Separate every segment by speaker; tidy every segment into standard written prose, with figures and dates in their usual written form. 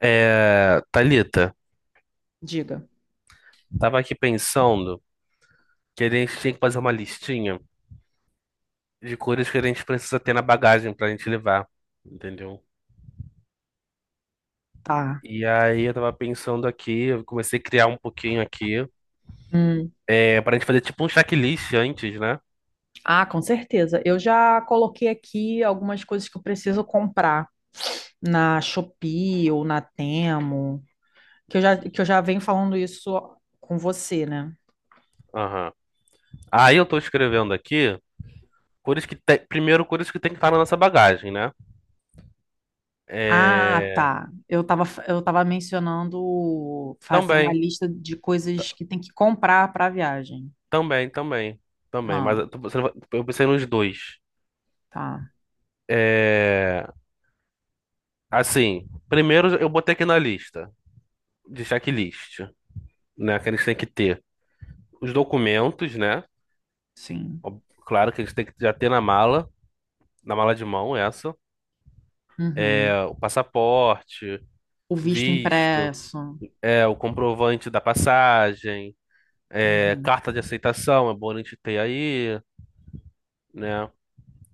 Speaker 1: É, Thalita,
Speaker 2: Diga.
Speaker 1: tava aqui pensando que a gente tinha que fazer uma listinha de coisas que a gente precisa ter na bagagem pra gente levar, entendeu?
Speaker 2: Tá.
Speaker 1: E aí eu tava pensando aqui, eu comecei a criar um pouquinho aqui,
Speaker 2: Hum.
Speaker 1: pra gente fazer tipo um checklist antes, né?
Speaker 2: Ah, com certeza, eu já coloquei aqui algumas coisas que eu preciso comprar na Shopee ou na Temo, que eu já venho falando isso com você, né?
Speaker 1: Aham. Aí eu tô escrevendo aqui coisas que tem, primeiro coisas que tem que estar na nossa bagagem, né?
Speaker 2: Ah,
Speaker 1: É,
Speaker 2: tá. Eu tava mencionando fazer uma
Speaker 1: Também,
Speaker 2: lista de coisas que tem que comprar para a viagem.
Speaker 1: também, também, também,
Speaker 2: Ah,
Speaker 1: mas eu pensei nos dois.
Speaker 2: tá.
Speaker 1: É, Assim, primeiro eu botei aqui na lista de checklist, né? Que a gente tem que ter os documentos, né?
Speaker 2: Sim.
Speaker 1: Claro que eles têm que já ter na mala de mão essa,
Speaker 2: Uhum.
Speaker 1: o passaporte,
Speaker 2: O visto
Speaker 1: visto,
Speaker 2: impresso.
Speaker 1: é o comprovante da passagem,
Speaker 2: Uhum.
Speaker 1: carta de aceitação, é bom a gente ter aí, né?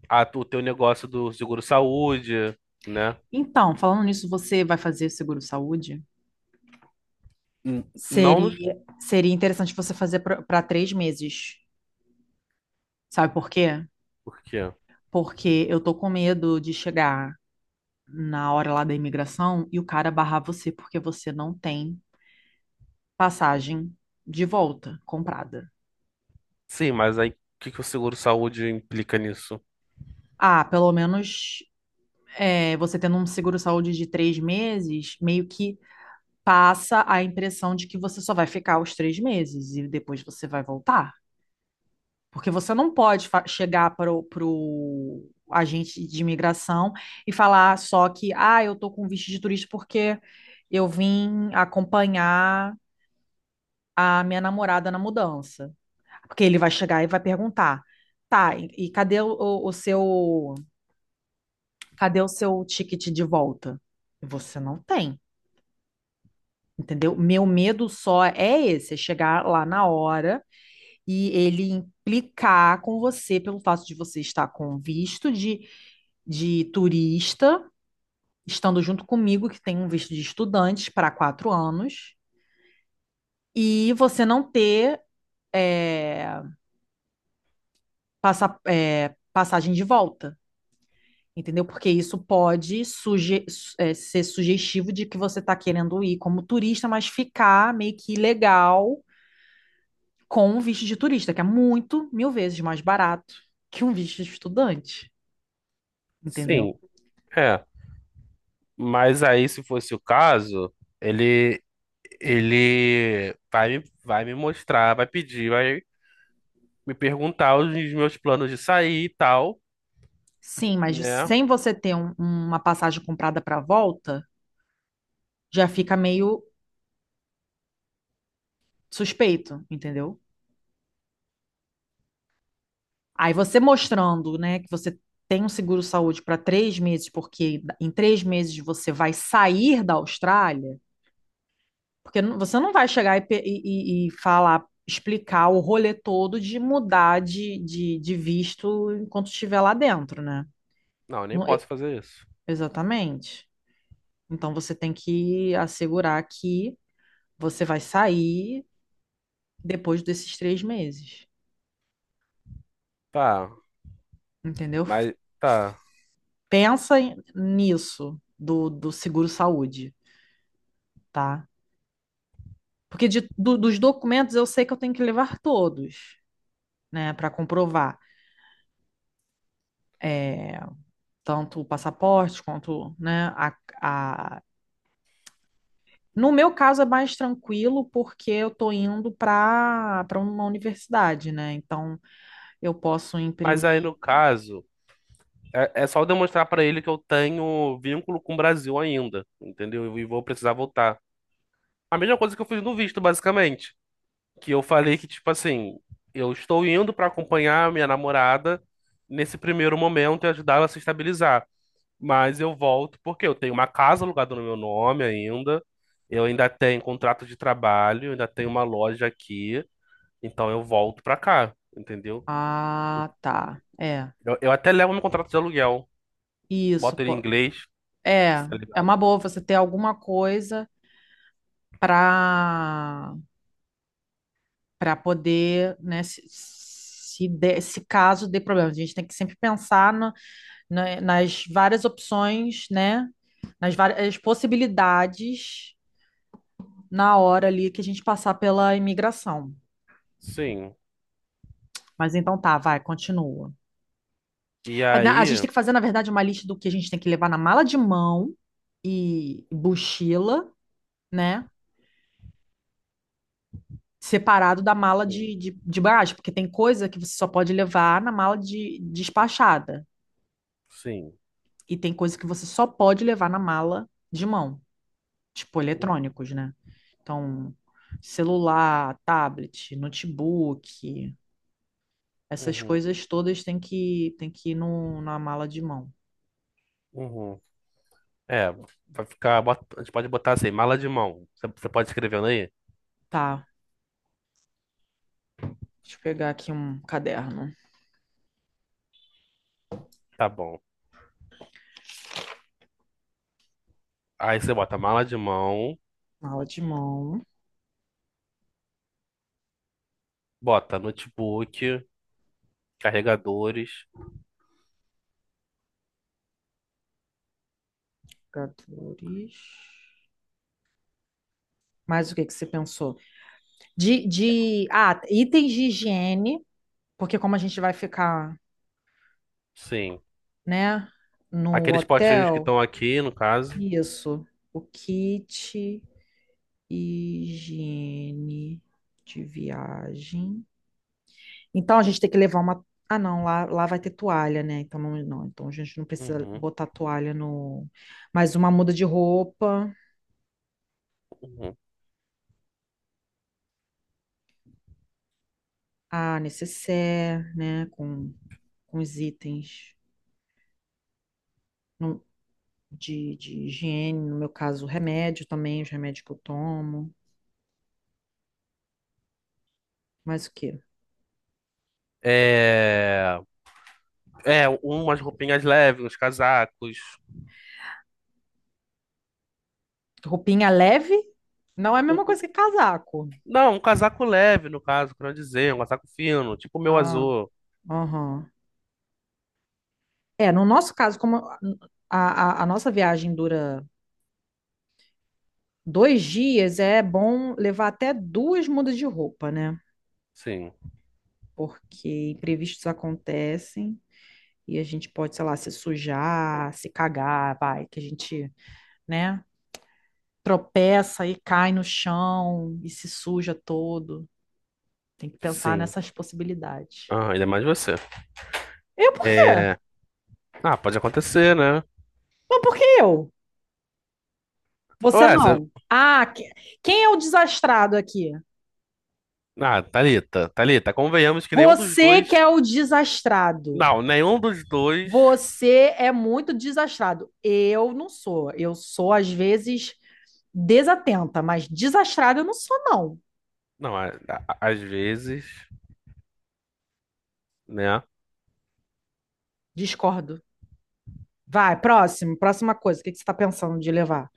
Speaker 1: a o teu negócio do seguro-saúde, né?
Speaker 2: Então, falando nisso, você vai fazer seguro-saúde?
Speaker 1: N- Não nos...
Speaker 2: Seria interessante você fazer para três meses. Sabe por quê?
Speaker 1: Por quê?
Speaker 2: Porque eu tô com medo de chegar na hora lá da imigração e o cara barrar você porque você não tem passagem de volta comprada.
Speaker 1: Sim, mas aí o que que o seguro-saúde implica nisso?
Speaker 2: Ah, pelo menos você tendo um seguro-saúde de três meses, meio que passa a impressão de que você só vai ficar os três meses e depois você vai voltar. Porque você não pode chegar para o agente de imigração e falar só que, ah, eu estou com visto de turista porque eu vim acompanhar a minha namorada na mudança. Porque ele vai chegar e vai perguntar, tá, e cadê o seu, cadê o seu ticket de volta? E você não tem, entendeu? Meu medo só é esse, é chegar lá na hora e ele implicar com você pelo fato de você estar com visto de turista, estando junto comigo, que tem um visto de estudante para quatro anos, e você não ter é, passagem de volta, entendeu? Porque isso pode ser sugestivo de que você está querendo ir como turista, mas ficar meio que ilegal com um visto de turista, que é muito, mil vezes mais barato que um visto de estudante, entendeu?
Speaker 1: Sim, é. Mas aí, se fosse o caso, ele, ele vai, vai me mostrar, vai pedir, vai me perguntar os meus planos de sair e tal,
Speaker 2: Sim, mas
Speaker 1: né?
Speaker 2: sem você ter uma passagem comprada para volta, já fica meio suspeito, entendeu? Aí você mostrando, né, que você tem um seguro-saúde para três meses, porque em três meses você vai sair da Austrália, porque você não vai chegar e, e falar, explicar o rolê todo de mudar de visto enquanto estiver lá dentro, né?
Speaker 1: Não, eu nem
Speaker 2: Não- e-
Speaker 1: posso fazer isso.
Speaker 2: exatamente. Então você tem que assegurar que você vai sair depois desses três meses,
Speaker 1: Tá,
Speaker 2: entendeu?
Speaker 1: mas tá.
Speaker 2: Pensa nisso do seguro-saúde, tá? Porque dos documentos eu sei que eu tenho que levar todos, né, para comprovar. É, tanto o passaporte quanto, né, a... No meu caso é mais tranquilo porque eu tô indo para uma universidade, né? Então eu posso
Speaker 1: Mas aí
Speaker 2: imprimir.
Speaker 1: no caso. É só eu demonstrar pra ele que eu tenho vínculo com o Brasil ainda, entendeu? E vou precisar voltar. A mesma coisa que eu fiz no visto, basicamente. Que eu falei que, tipo assim, eu estou indo pra acompanhar a minha namorada nesse primeiro momento e ajudar ela a se estabilizar. Mas eu volto porque eu tenho uma casa alugada no meu nome ainda, eu ainda tenho contrato de trabalho, eu ainda tenho uma loja aqui, então eu volto pra cá, entendeu?
Speaker 2: Ah, tá. É.
Speaker 1: Eu até levo meu contrato de aluguel,
Speaker 2: Isso,
Speaker 1: boto ele em
Speaker 2: pô.
Speaker 1: inglês,
Speaker 2: É,
Speaker 1: tá
Speaker 2: é uma
Speaker 1: ligado?
Speaker 2: boa você ter alguma coisa para para poder, né, se caso dê problema. A gente tem que sempre pensar nas várias opções, né, nas várias possibilidades na hora ali que a gente passar pela imigração.
Speaker 1: Sim.
Speaker 2: Mas então tá, vai, continua.
Speaker 1: E
Speaker 2: A gente
Speaker 1: aí.
Speaker 2: tem que fazer, na verdade, uma lista do que a gente tem que levar na mala de mão e mochila, né? Separado da mala
Speaker 1: Sim,
Speaker 2: de bagagem, porque tem coisa que você só pode levar na mala de despachada.
Speaker 1: sim.
Speaker 2: E tem coisa que você só pode levar na mala de mão, tipo eletrônicos, né? Então, celular, tablet, notebook, essas
Speaker 1: Uhum,
Speaker 2: coisas todas tem que ir no, na mala de mão.
Speaker 1: uhum. É, Vai ficar. A gente pode botar assim, mala de mão. Você pode escrevendo aí?
Speaker 2: Tá, deixa eu pegar aqui um caderno.
Speaker 1: Tá bom. Aí você bota mala de mão,
Speaker 2: Mala de mão,
Speaker 1: bota notebook, carregadores.
Speaker 2: jogadores. Mas o que que você pensou? Itens de higiene, porque como a gente vai ficar,
Speaker 1: Sim.
Speaker 2: né, no
Speaker 1: Aqueles potinhos que
Speaker 2: hotel,
Speaker 1: estão aqui, no caso.
Speaker 2: isso, o kit higiene de viagem. Então a gente tem que levar uma. Ah, não, lá vai ter toalha, né? Então não, a gente não precisa
Speaker 1: Uhum,
Speaker 2: botar toalha no. Mas uma muda de roupa,
Speaker 1: uhum.
Speaker 2: a nécessaire, né? Com os itens não- de higiene, no meu caso, remédio também, os remédios que eu tomo. Mas o quê?
Speaker 1: É, Umas roupinhas leves, uns casacos.
Speaker 2: Roupinha leve não é a
Speaker 1: Um-
Speaker 2: mesma
Speaker 1: um-
Speaker 2: coisa que casaco.
Speaker 1: não, um casaco leve, no caso, quero dizer, um casaco fino, tipo o meu
Speaker 2: Ah,
Speaker 1: azul.
Speaker 2: aham. É, no nosso caso, como a nossa viagem dura dois dias, é bom levar até duas mudas de roupa, né?
Speaker 1: Sim,
Speaker 2: Porque imprevistos acontecem e a gente pode, sei lá, se sujar, se cagar, vai, que a gente, né, tropeça e cai no chão e se suja todo. Tem que pensar
Speaker 1: sim.
Speaker 2: nessas possibilidades.
Speaker 1: Ah, ainda mais você.
Speaker 2: Eu por quê?
Speaker 1: É... Ah, pode acontecer, né?
Speaker 2: Mas por que eu? Você
Speaker 1: Ué, você...
Speaker 2: não. Ah, quem é o desastrado aqui?
Speaker 1: Ah, Thalita, Thalita, convenhamos que nenhum dos
Speaker 2: Você que
Speaker 1: dois.
Speaker 2: é o desastrado.
Speaker 1: Não, nenhum dos dois.
Speaker 2: Você é muito desastrado. Eu não sou. Eu sou, às vezes, desatenta, mas desastrado eu não sou, não.
Speaker 1: Não, às vezes, né?
Speaker 2: Discordo. Vai, próxima coisa. O que que você está pensando de levar?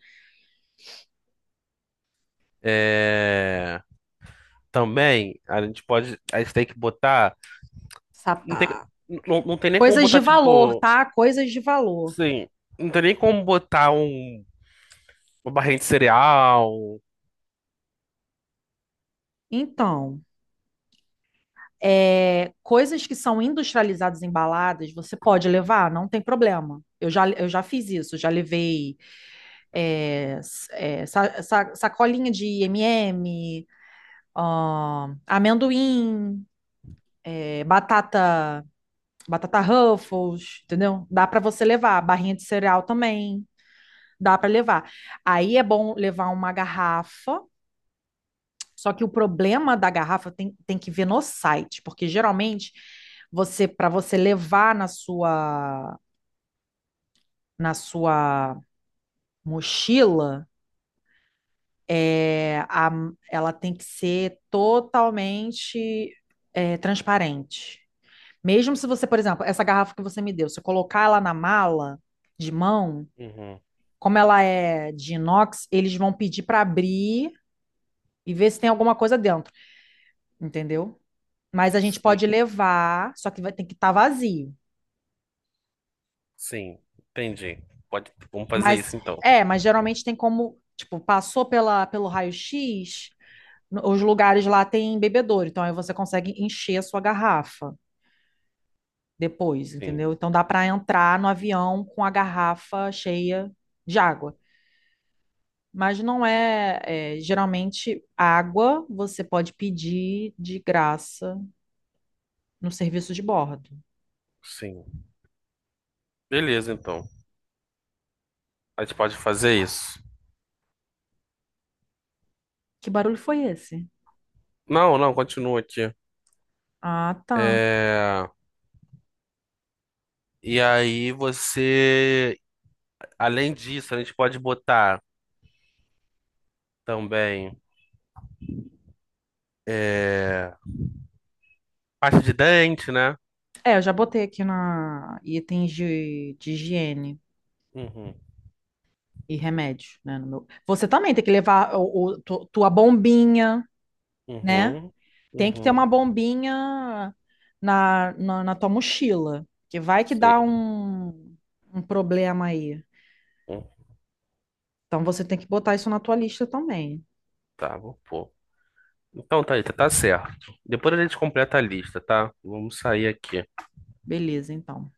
Speaker 1: É... Também, a gente pode. A gente tem que botar. Não tem,
Speaker 2: Sapato.
Speaker 1: não, não tem nem como
Speaker 2: Coisas de
Speaker 1: botar,
Speaker 2: valor,
Speaker 1: tipo.
Speaker 2: tá? Coisas de valor.
Speaker 1: Sim. Não tem nem como botar uma barrinha de cereal.
Speaker 2: Então, é, coisas que são industrializadas, embaladas, você pode levar, não tem problema. Eu já fiz isso, já levei sacolinha de M&M, amendoim, é, batata, batata Ruffles, entendeu? Dá para você levar, barrinha de cereal também, dá para levar. Aí é bom levar uma garrafa, só que o problema da garrafa tem que ver no site, porque geralmente você para você levar na sua mochila, é, a, ela tem que ser totalmente é, transparente. Mesmo se você, por exemplo, essa garrafa que você me deu, se eu colocar ela na mala de mão,
Speaker 1: Uhum.
Speaker 2: como ela é de inox, eles vão pedir para abrir e ver se tem alguma coisa dentro, entendeu? Mas a gente
Speaker 1: Sim,
Speaker 2: pode levar, só que vai, tem que estar vazio.
Speaker 1: sim. Entendi. Pode... Vamos fazer
Speaker 2: Mas
Speaker 1: isso então.
Speaker 2: mas geralmente tem como, tipo, passou pela, pelo raio-x, os lugares lá tem bebedouro, então aí você consegue encher a sua garrafa depois,
Speaker 1: Sim,
Speaker 2: entendeu? Então dá para entrar no avião com a garrafa cheia de água. Mas não é, é, geralmente água você pode pedir de graça no serviço de bordo.
Speaker 1: sim. Beleza, então. A gente pode fazer isso.
Speaker 2: Que barulho foi esse?
Speaker 1: Não, não, continua aqui.
Speaker 2: Ah, tá.
Speaker 1: É... E aí você, além disso, a gente pode botar também é... pasta de dente, né?
Speaker 2: É, eu já botei aqui na itens de higiene
Speaker 1: Uhum,
Speaker 2: e remédio, né? no meu- Você também tem que levar tua bombinha, né?
Speaker 1: uhum,
Speaker 2: Tem que ter uma
Speaker 1: uhum,
Speaker 2: bombinha na tua mochila, que vai que dá
Speaker 1: sim.
Speaker 2: um problema aí.
Speaker 1: Hum.
Speaker 2: Então você tem que botar isso na tua lista também.
Speaker 1: Tá, vou pôr. Então, Thalita, tá certo. Depois a gente completa a lista, tá? Vamos sair aqui.
Speaker 2: Beleza, então.